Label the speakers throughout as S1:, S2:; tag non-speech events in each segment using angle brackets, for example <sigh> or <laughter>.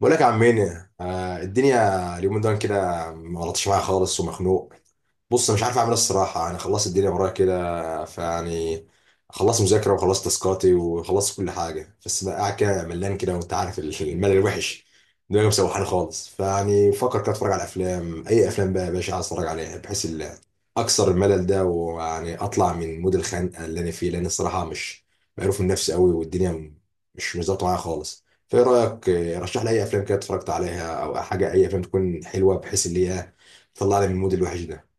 S1: بقول لك يا عم مينا، الدنيا اليومين دول كده، ما غلطش معايا خالص ومخنوق. بص، مش عارف اعمل ايه. الصراحه انا خلصت الدنيا ورايا كده فيعني، خلصت مذاكره وخلصت تاسكاتي وخلصت كل حاجه، بس بقى قاعد كده ملان كده، وانت عارف الملل الوحش. دماغي مسوحاني خالص، فيعني بفكر كده اتفرج على افلام. اي افلام بقى يا باشا عايز اتفرج عليها بحيث اكسر الملل ده، ويعني اطلع من مود الخنقه اللي انا فيه، لان الصراحه مش، مقروف من نفسي قوي، والدنيا مش ظابطه معايا خالص. فايه رايك؟ رشح لي اي افلام كده اتفرجت عليها او حاجه. اي افلام تكون حلوه بحيث اللي هي تطلعني من المود الوحش ده.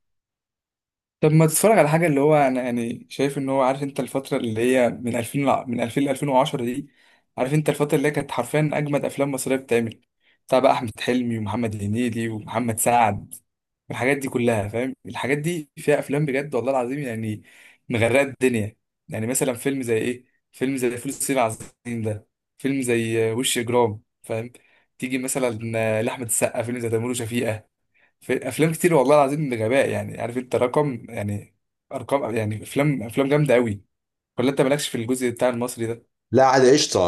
S2: طب ما تتفرج على حاجه اللي هو انا يعني شايف ان هو عارف انت الفتره اللي هي من 2000 ل 2010 دي. عارف انت الفتره اللي هي كانت حرفيا اجمد افلام مصريه بتتعمل، بتاع بقى احمد حلمي ومحمد هنيدي ومحمد سعد والحاجات دي كلها، فاهم؟ الحاجات دي فيها افلام بجد والله العظيم يعني، مغرقه الدنيا. يعني مثلا فيلم زي ايه؟ فيلم زي فول الصين العظيم ده، فيلم زي وش اجرام، فاهم؟ تيجي مثلا لاحمد السقا فيلم زي تيمور وشفيقة. في افلام كتير والله العظيم بغباء، يعني عارف انت رقم، يعني ارقام، يعني افلام جامده قوي. ولا انت مالكش في الجزء بتاع المصري ده؟
S1: لا، عادي، قشطة.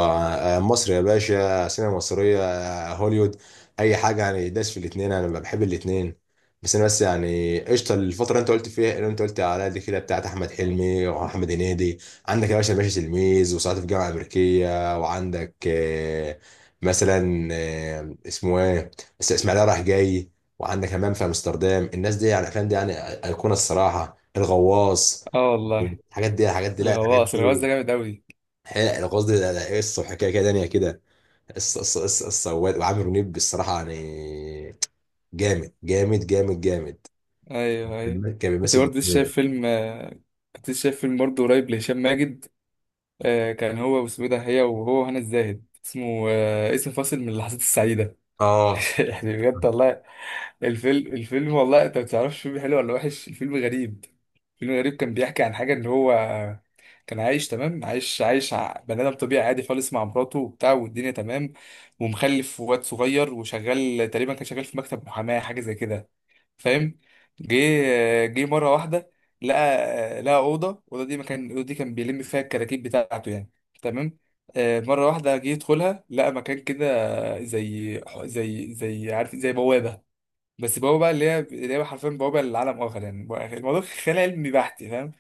S1: آه، مصر يا باشا سينما مصرية، هوليوود، أي حاجة يعني. داس في الاتنين، أنا بحب الاتنين. بس أنا بس يعني قشطة. الفترة اللي أنت قلت عليها دي كده بتاعت أحمد حلمي وأحمد هنيدي، عندك يا باشا تلميذ وصعيدي في الجامعة الأمريكية، وعندك مثلا، اسمه إيه، إسماعيلية رايح جاي، وعندك همام في أمستردام. الناس دي يعني، الأفلام دي يعني أيقونة الصراحة. الغواص،
S2: اه والله.
S1: الحاجات دي، الحاجات دي لا الحاجات
S2: الغواص
S1: دي
S2: ده جامد قوي.
S1: حلق قصدي، لا، قصه وحكايه كده تانيه كده. قصه قصه قصه قصة. وعامر منيب بالصراحه يعني جامد جامد جامد جامد.
S2: ايوه ايوه.
S1: كان
S2: كنت
S1: بيمثل
S2: برضه لسه
S1: بالدنيا.
S2: شايف فيلم آه، كنت لسه شايف فيلم برضه قريب لهشام ماجد. كان هو واسمه إيه ده، هي وهو وهنا الزاهد، اسمه اسم فاصل من اللحظات السعيده.
S1: اه،
S2: <laughs> يعني بجد والله، الفيلم والله انت ما تعرفش الفيلم حلو ولا وحش، الفيلم غريب. الفيلم غريب كان بيحكي عن حاجه ان هو كان عايش تمام، بني ادم طبيعي عادي خالص مع مراته وبتاع والدنيا تمام، ومخلف وواد صغير، وشغال تقريبا كان شغال في مكتب محاماه حاجه زي كده، فاهم؟ جه مره واحده لقى، لقى الاوضه دي، مكان الاوضه دي كان بيلم فيها الكراكيب بتاعته يعني، تمام. مره واحده جه يدخلها لقى مكان كده، زي عارف زي بوابه، بس بوابه بقى اللي هي حرفيا بوابه للعالم اخر يعني. الموضوع خيال علمي بحت، فاهم؟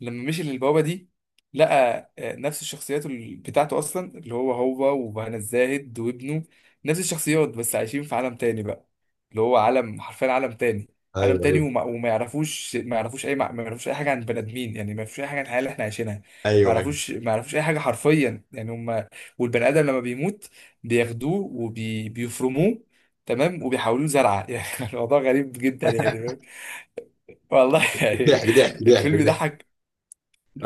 S2: لما مشي للبوابه دي لقى نفس الشخصيات بتاعته اصلا، اللي هو هو وهنا الزاهد وابنه، نفس الشخصيات بس عايشين في عالم تاني بقى، اللي هو عالم حرفيا عالم تاني. عالم
S1: ايوه،
S2: تاني
S1: ايوه،
S2: وما, وما يعرفوش ما يعرفوش اي ما يعرفوش اي حاجه عن البني ادمين، يعني ما يعرفوش اي حاجه عن الحياه اللي احنا عايشينها. ما
S1: ايوه، ايوه.
S2: يعرفوش ما يعرفوش اي حاجه حرفيا يعني. هم والبني ادم لما بيموت بياخدوه وبيفرموه، تمام، وبيحولوه زرعه <laughs> يعني. الموضوع غريب جدا يعني، فاهم؟ والله يعني
S1: ضحك ضحك ضحك
S2: الفيلم
S1: ضحك.
S2: ضحك،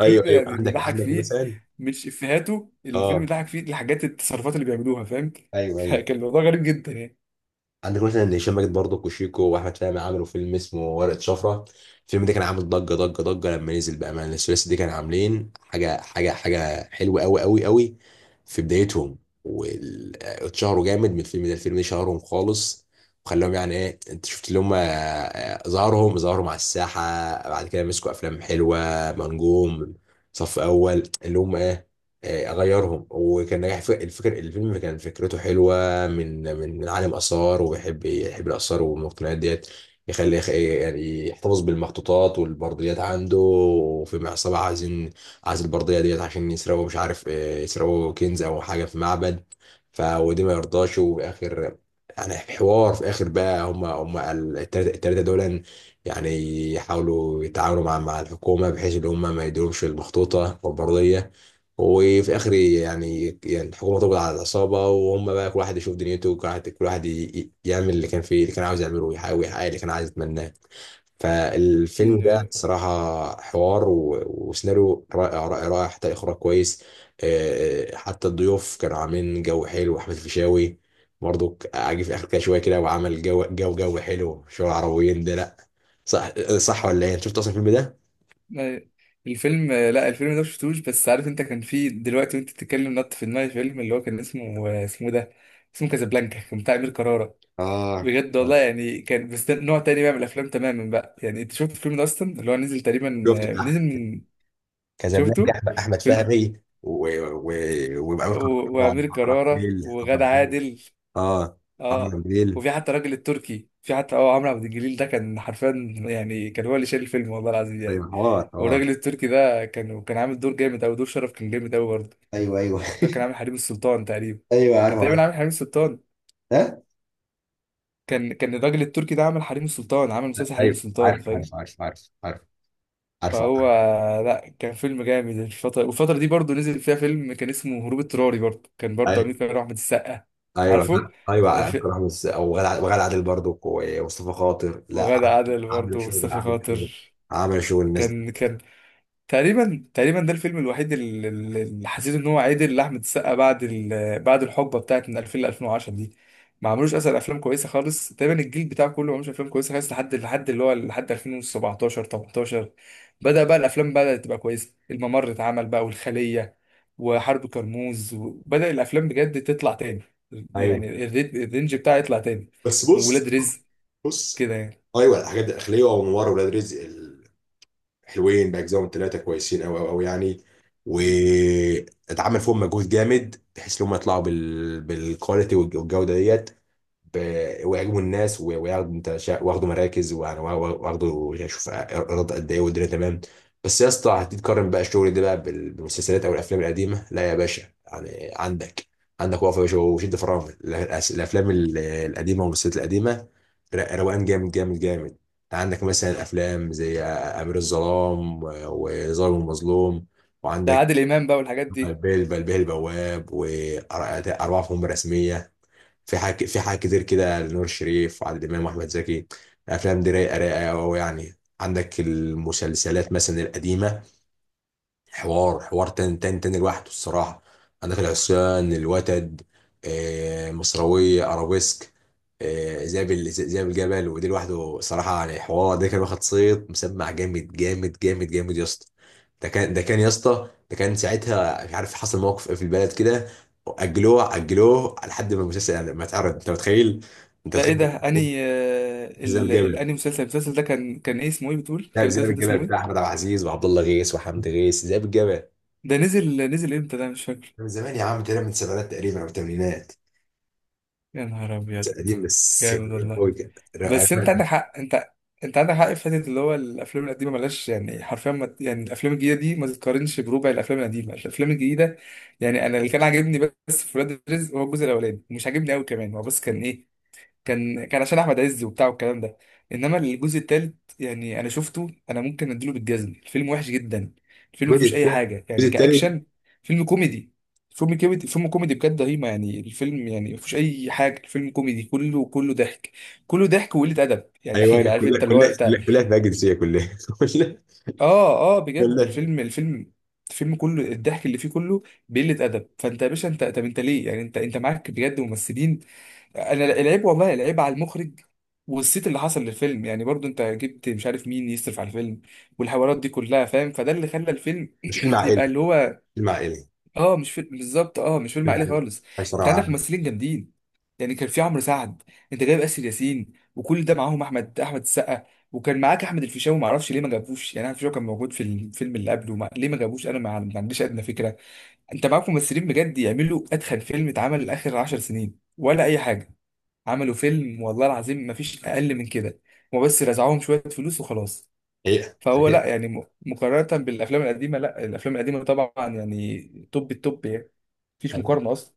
S1: ايوه، ايوه،
S2: يعني اللي
S1: عندك
S2: ضحك
S1: عندك
S2: فيه
S1: مثال.
S2: مش افيهاته، الفيلم اللي
S1: اه،
S2: ضحك فيه الحاجات، التصرفات اللي بيعملوها، فاهم؟
S1: ايوه،
S2: <laughs>
S1: ايوه.
S2: كان الموضوع غريب جدا يعني.
S1: عندك مثلا هشام ماجد برضه وشيكو واحمد فهمي، عملوا فيلم اسمه ورقة شفرة. الفيلم ده كان عامل ضجة ضجة ضجة لما نزل بأمان. الثلاثي دي كان عاملين حاجة حاجة حاجة حلوة أوي أوي أوي في بدايتهم. واتشهروا جامد من الفيلم ده، الفيلم ده شهرهم خالص، وخلاهم يعني ايه، انت شفت اللي هم، ظهروا مع الساحة. بعد كده مسكوا أفلام حلوة، منجوم صف أول اللي هم ايه، غيرهم. وكان نجاح الفيلم، كان فكرته حلوة. بقى من عالم آثار، ويحب الآثار والمقتنيات ديت، يعني يحتفظ بالمخطوطات والبرديات عنده، وفي عصابة عايزين، عايز البردية ديت عشان يسرقوا، مش عارف إيه، يسرقوا كنز أو حاجة في معبد. ف ودي ما يرضاش، وفي آخر، يعني في حوار في آخر بقى، هم التلاتة دول يعني، يحاولوا يتعاونوا مع الحكومة بحيث إن هم ما يديرهمش المخطوطة والبردية. وفي اخر يعني الحكومه تقبض على العصابه، وهم بقى كل واحد يشوف دنيته، وكل واحد يعمل اللي كان فيه اللي كان عاوز يعمله، ويحاول يحقق اللي كان عايز يتمناه. فالفيلم ده
S2: أيوة.
S1: صراحة حوار و- وسيناريو رائع رائع رائع، حتى إخراج كويس. حتى الضيوف كانوا عاملين جو حلو. أحمد الفيشاوي برضو عاجب في آخر كده شوية كده، وعمل جو جو جو حلو. شو العربيين ده؟ لأ. صح صح ولا إيه؟ أنت شفت أصلا الفيلم ده؟
S2: أيوة. الفيلم، لا الفيلم ده مشفتوش، بس عارف انت كان فيه دلوقتي وانت بتتكلم نط في دماغي فيلم اللي هو كان اسمه ده، اسمه كازابلانكا، كان بتاع امير كرارة.
S1: اه،
S2: بجد والله يعني كان، بس ده نوع تاني بقى من الافلام تماما بقى. يعني انت شفت الفيلم ده اصلا؟ اللي هو نزل تقريبا،
S1: شفته.
S2: نزل من.
S1: كازابلانكا،
S2: شفته.
S1: أحمد
S2: فيلم.
S1: فهمي و و ويبقى
S2: وامير كرارة
S1: عراقيل
S2: وغادة
S1: عراقيل.
S2: عادل.
S1: اه،
S2: اه.
S1: عراقيل.
S2: وفي حتى الراجل التركي، في حتى عمرو عبد الجليل ده كان حرفيا، يعني كان هو اللي شايل الفيلم والله العظيم
S1: ايوه،
S2: يعني.
S1: حوار حوار.
S2: والراجل التركي ده كان عامل دور جامد قوي، دور شرف كان جامد قوي برضه.
S1: ايوه، ايوه،
S2: ده كان عامل حريم السلطان تقريبا.
S1: <laughs> ايوه، عارف
S2: كان
S1: عارف.
S2: تقريبا عامل حريم السلطان.
S1: ها،
S2: كان الراجل التركي ده عامل حريم السلطان، عامل مسلسل حريم
S1: ايوه،
S2: السلطان،
S1: عارف عارف
S2: فاهم؟
S1: عارف عارف عارف. عارف.
S2: فهو، لا كان فيلم جامد الفترة. والفترة دي برضه نزل فيها فيلم كان اسمه هروب اضطراري، برضه كان برضه
S1: ايوه،
S2: أمير كمال وأحمد السقا.
S1: ايوه،
S2: عارفه.
S1: ايوه.
S2: الف...
S1: أكرم رامز، وغادة عادل برضو، ومصطفى خاطر. لا.
S2: وغادة عادل برضه
S1: عامل شغل،
S2: ومصطفى
S1: عامل شغل،
S2: خاطر.
S1: عامل شغل الناس دي.
S2: كان تقريبا ده الفيلم الوحيد اللي حسيت ان هو عدل لاحمد السقا، بعد بعد الحقبه بتاعت من 2000 ل 2010 دي. ما عملوش اصلا افلام كويسه خالص تقريبا، الجيل بتاعه كله ما عملوش افلام كويسه خالص لحد اللي هو لحد 2017 18، بدا بقى الافلام، بدات تبقى كويسه. الممر اتعمل بقى، والخليه، وحرب كرموز، وبدا الافلام بجد تطلع تاني،
S1: ايوه،
S2: يعني الرينج بتاعها يطلع تاني،
S1: بس
S2: وولاد
S1: بص.
S2: رزق
S1: بص.
S2: كده يعني.
S1: ايوه، الحاجات دي الداخليه، وانوار، ولاد رزق، حلوين باجزائهم ثلاثه كويسين قوي قوي قوي يعني.
S2: مم.
S1: واتعمل فيهم مجهود جامد بحيث ان هم يطلعوا بالكواليتي والجوده ديت، ويعجبوا الناس، وياخدوا واخدوا مراكز ويعني واخدوا، شوف ايرادات قد ايه، والدنيا تمام. بس يا اسطى، هتيجي تقارن بقى الشغل ده بقى بالمسلسلات او الافلام القديمه؟ لا يا باشا، يعني عندك، عندك وقفه يا باشا وشد فرامل. الافلام القديمه والمسلسلات القديمه روقان جامد جامد جامد. انت عندك مثلا افلام زي امير الظلام و- وظالم المظلوم،
S2: ده
S1: وعندك
S2: عادل امام بقى والحاجات دي.
S1: بلبل البواب، واربعه في مهمه رسميه، في حاجة كتير كده لنور الشريف وعادل إمام وأحمد زكي. الأفلام دي رايقة رايقة أوي يعني. عندك المسلسلات مثلا القديمة، حوار حوار تاني تاني تاني لوحده الصراحة. عندك العصيان، الوتد، مصراوية، أرابيسك، ذئاب الجبل. ودي لوحده صراحة يعني حوار. ده كان واخد صيت مسمع جامد جامد جامد جامد يا اسطى. ده كان يا اسطى، ده كان ساعتها، مش عارف حصل موقف ايه في البلد كده، أجلوه أجلوه لحد ما المسلسل يعني ما اتعرض. أنت متخيل؟ أنت
S2: ده ايه
S1: متخيل؟
S2: ده اني
S1: ذئاب الجبل.
S2: الاني مسلسل، المسلسل ده كان ايه اسمه ايه بتقول،
S1: لا،
S2: كان
S1: ذئاب
S2: المسلسل ده
S1: الجبل
S2: اسمه
S1: بتاع
S2: ايه؟
S1: أحمد عبد العزيز وعبد الله غيث وحمد غيث، ذئاب الجبل.
S2: ده نزل امتى، ده مش فاكر.
S1: من زمان يا عم، تقريبا من السبعينات تقريبا او الثمانينات.
S2: يا نهار ابيض.
S1: قديم، بس
S2: جامد
S1: قديم
S2: والله.
S1: قوي كده.
S2: بس انت عندك حق انت، انت عندك حق في حته اللي هو الافلام القديمه ملهاش يعني حرفيا ما... يعني الافلام الجديده دي ما تتقارنش بربع الافلام القديمه. الافلام الجديده، يعني انا اللي كان عاجبني بس في ولاد الرزق هو الجزء الاولاني، مش عاجبني قوي كمان هو، بس كان ايه، كان عشان احمد عز وبتاع والكلام ده. انما الجزء الثالث يعني انا شفته، انا ممكن اديله بالجزم، الفيلم وحش جدا. الفيلم ما
S1: الجزء
S2: فيهوش اي
S1: الثاني،
S2: حاجه يعني
S1: الجزء الثالث.
S2: كاكشن، فيلم كوميدي، فيلم كوميدي بجد رهيبه. يعني الفيلم يعني ما فيهوش اي حاجه، الفيلم كوميدي كله، كله ضحك، كله ضحك وقله ادب يعني
S1: ايوه، أنا
S2: <laughs> عارف
S1: كلها
S2: انت اللي هو
S1: كلها
S2: انت.
S1: كلها كلها فيها جنسيه، كلها <laughs> كلها،
S2: اه اه بجد،
S1: كلها.
S2: الفيلم الفيلم كله الضحك اللي فيه كله بقله ادب. فانت يا باشا انت، طب انت ليه، يعني انت معاك بجد ممثلين. انا العيب والله العيب على المخرج، والصيت اللي حصل للفيلم، يعني برضو انت جبت مش عارف مين يصرف على الفيلم، والحوارات دي كلها فاهم، فده اللي خلى الفيلم
S1: مش فيلم
S2: <clears throat>
S1: عائلي.
S2: يبقى اللي هو،
S1: فيلم عائلي.
S2: اه مش فيلم بالظبط، اه مش فيلم
S1: فيلم
S2: عائلي
S1: عائلي
S2: خالص.
S1: عايش
S2: انت عندك
S1: صراحه.
S2: ممثلين جامدين، يعني كان في عمرو سعد، انت جايب اسر ياسين وكل ده معاهم احمد السقا، وكان معاك احمد الفيشاوي، ما اعرفش ليه ما جابوش، يعني احمد الفيشاوي كان موجود في الفيلم اللي قبله ما... ليه ما جابوش انا ما عنديش ادنى فكره. انت معاك ممثلين بجد يعملوا اتخن فيلم اتعمل اخر 10 سنين ولا اي حاجه، عملوا فيلم والله العظيم ما فيش اقل من كده، هما بس رزعوهم شويه فلوس وخلاص.
S1: حقيقه
S2: فهو
S1: حقيقه.
S2: لا يعني مقارنه بالافلام القديمه، لا الافلام القديمه طبعا يعني توب التوب يعني، مفيش
S1: حقيقة.
S2: مقارنه اصلا.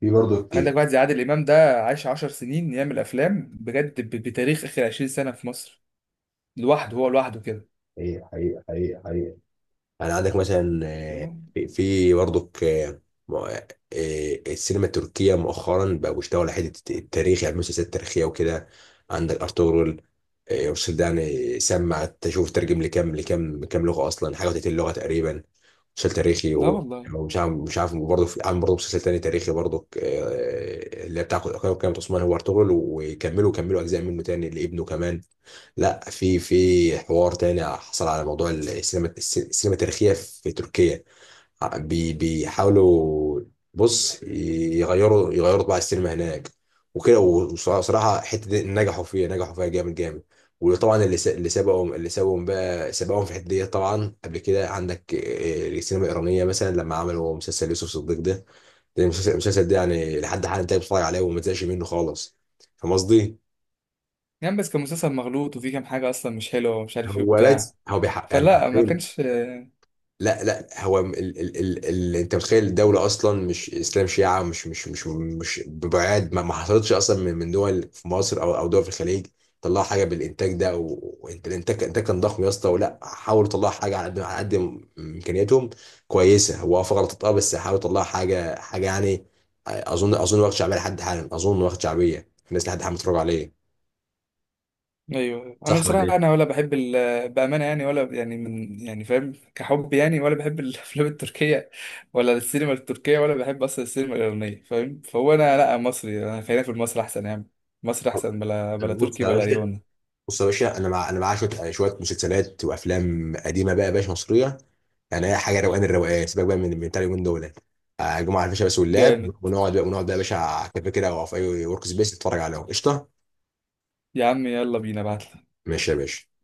S1: في برضه حقيقه
S2: عندك واحد زي عادل امام ده عاش 10 سنين يعمل افلام بجد بتاريخ اخر 20 سنه في مصر، لوحده هو لوحده كده.
S1: حقيقه حقيقه حقيقه. يعني عندك مثلا، في برضك، م- آه، السينما التركية مؤخرا بقوا بيشتغلوا على حتة التاريخ، يعني مسلسلات تاريخية وكده. عندك أرطغرل. المسلسل ده يعني سمع، تشوف ترجم لكام لكام كام لغة، أصلا حاجة وتلاتين لغة تقريبا. مسلسل تاريخي
S2: لا والله.
S1: ومش عارف مش عارف برضه عامل برضه مسلسل تاني تاريخي برضه، اللي هي بتاع قناة عثمان، هو أرطغرل. كملوا أجزاء منه تاني لابنه كمان. لا، في حوار تاني حصل على موضوع السينما السينما التاريخية في تركيا. ع- بي بيحاولوا، بص، يغيروا طباع السينما هناك وكده، وصراحة الحتة دي نجحوا فيها نجحوا فيها جامد جامد. وطبعا اللي سبقهم بقى سبقهم في الحتة دي طبعا. قبل كده عندك السينما الإيرانية مثلا لما عملوا مسلسل يوسف صديق ده. المسلسل ده يعني لحد حالا انت بتتفرج عليه وما تزهقش منه خالص. فاهم قصدي؟
S2: يعني بس كان مسلسل مغلوط وفيه كام حاجه اصلا مش حلوه ومش عارف ايه
S1: هو
S2: وبتاع،
S1: بس هو بيحقق يعني.
S2: فلا ما كانش.
S1: لا، لا، هو ال ال ال ال انت متخيل، الدولة اصلا مش اسلام شيعة، مش ببعاد، ما حصلتش اصلا من دول في مصر او دول في الخليج. طلعوا حاجة بالانتاج ده، وانت الانتاج كان ضخم يا اسطى، ولا حاولوا يطلعوا حاجة على قد على قد امكانياتهم. كويسة، هو اه في غلطات، اه، بس حاولوا يطلعوا حاجة حاجة يعني. اظن واخد شعبية لحد حالا، اظن واخد شعبية، الناس لحد حالا بتتفرج عليه.
S2: ايوه انا
S1: صح ولا
S2: بصراحه،
S1: ايه؟
S2: انا ولا بحب بامانه يعني، ولا يعني من يعني فاهم كحب يعني، ولا بحب الافلام التركيه ولا السينما التركيه، ولا بحب اصلا السينما الايرانيه فاهم. فهو انا لا، مصري، انا خلينا في المصري احسن يا عم، مصري احسن بلا بلا
S1: بص
S2: تركي
S1: يا
S2: بلا
S1: باشا،
S2: ايراني.
S1: بص يا باشا، انا معايا شويه، شويه مسلسلات وافلام قديمه بقى يا باشا، مصريه. يعني هي حاجه روقان، الروقان سيبك بقى من بتاع اليومين دول. جمعه الفيشه بس واللاب،
S2: جامد.
S1: ونقعد بقى يا باشا على كافيه كده، او في اي ورك سبيس، نتفرج عليهم قشطه.
S2: يا عم يلا بينا، ابعتلي.
S1: ماشي يا باشا.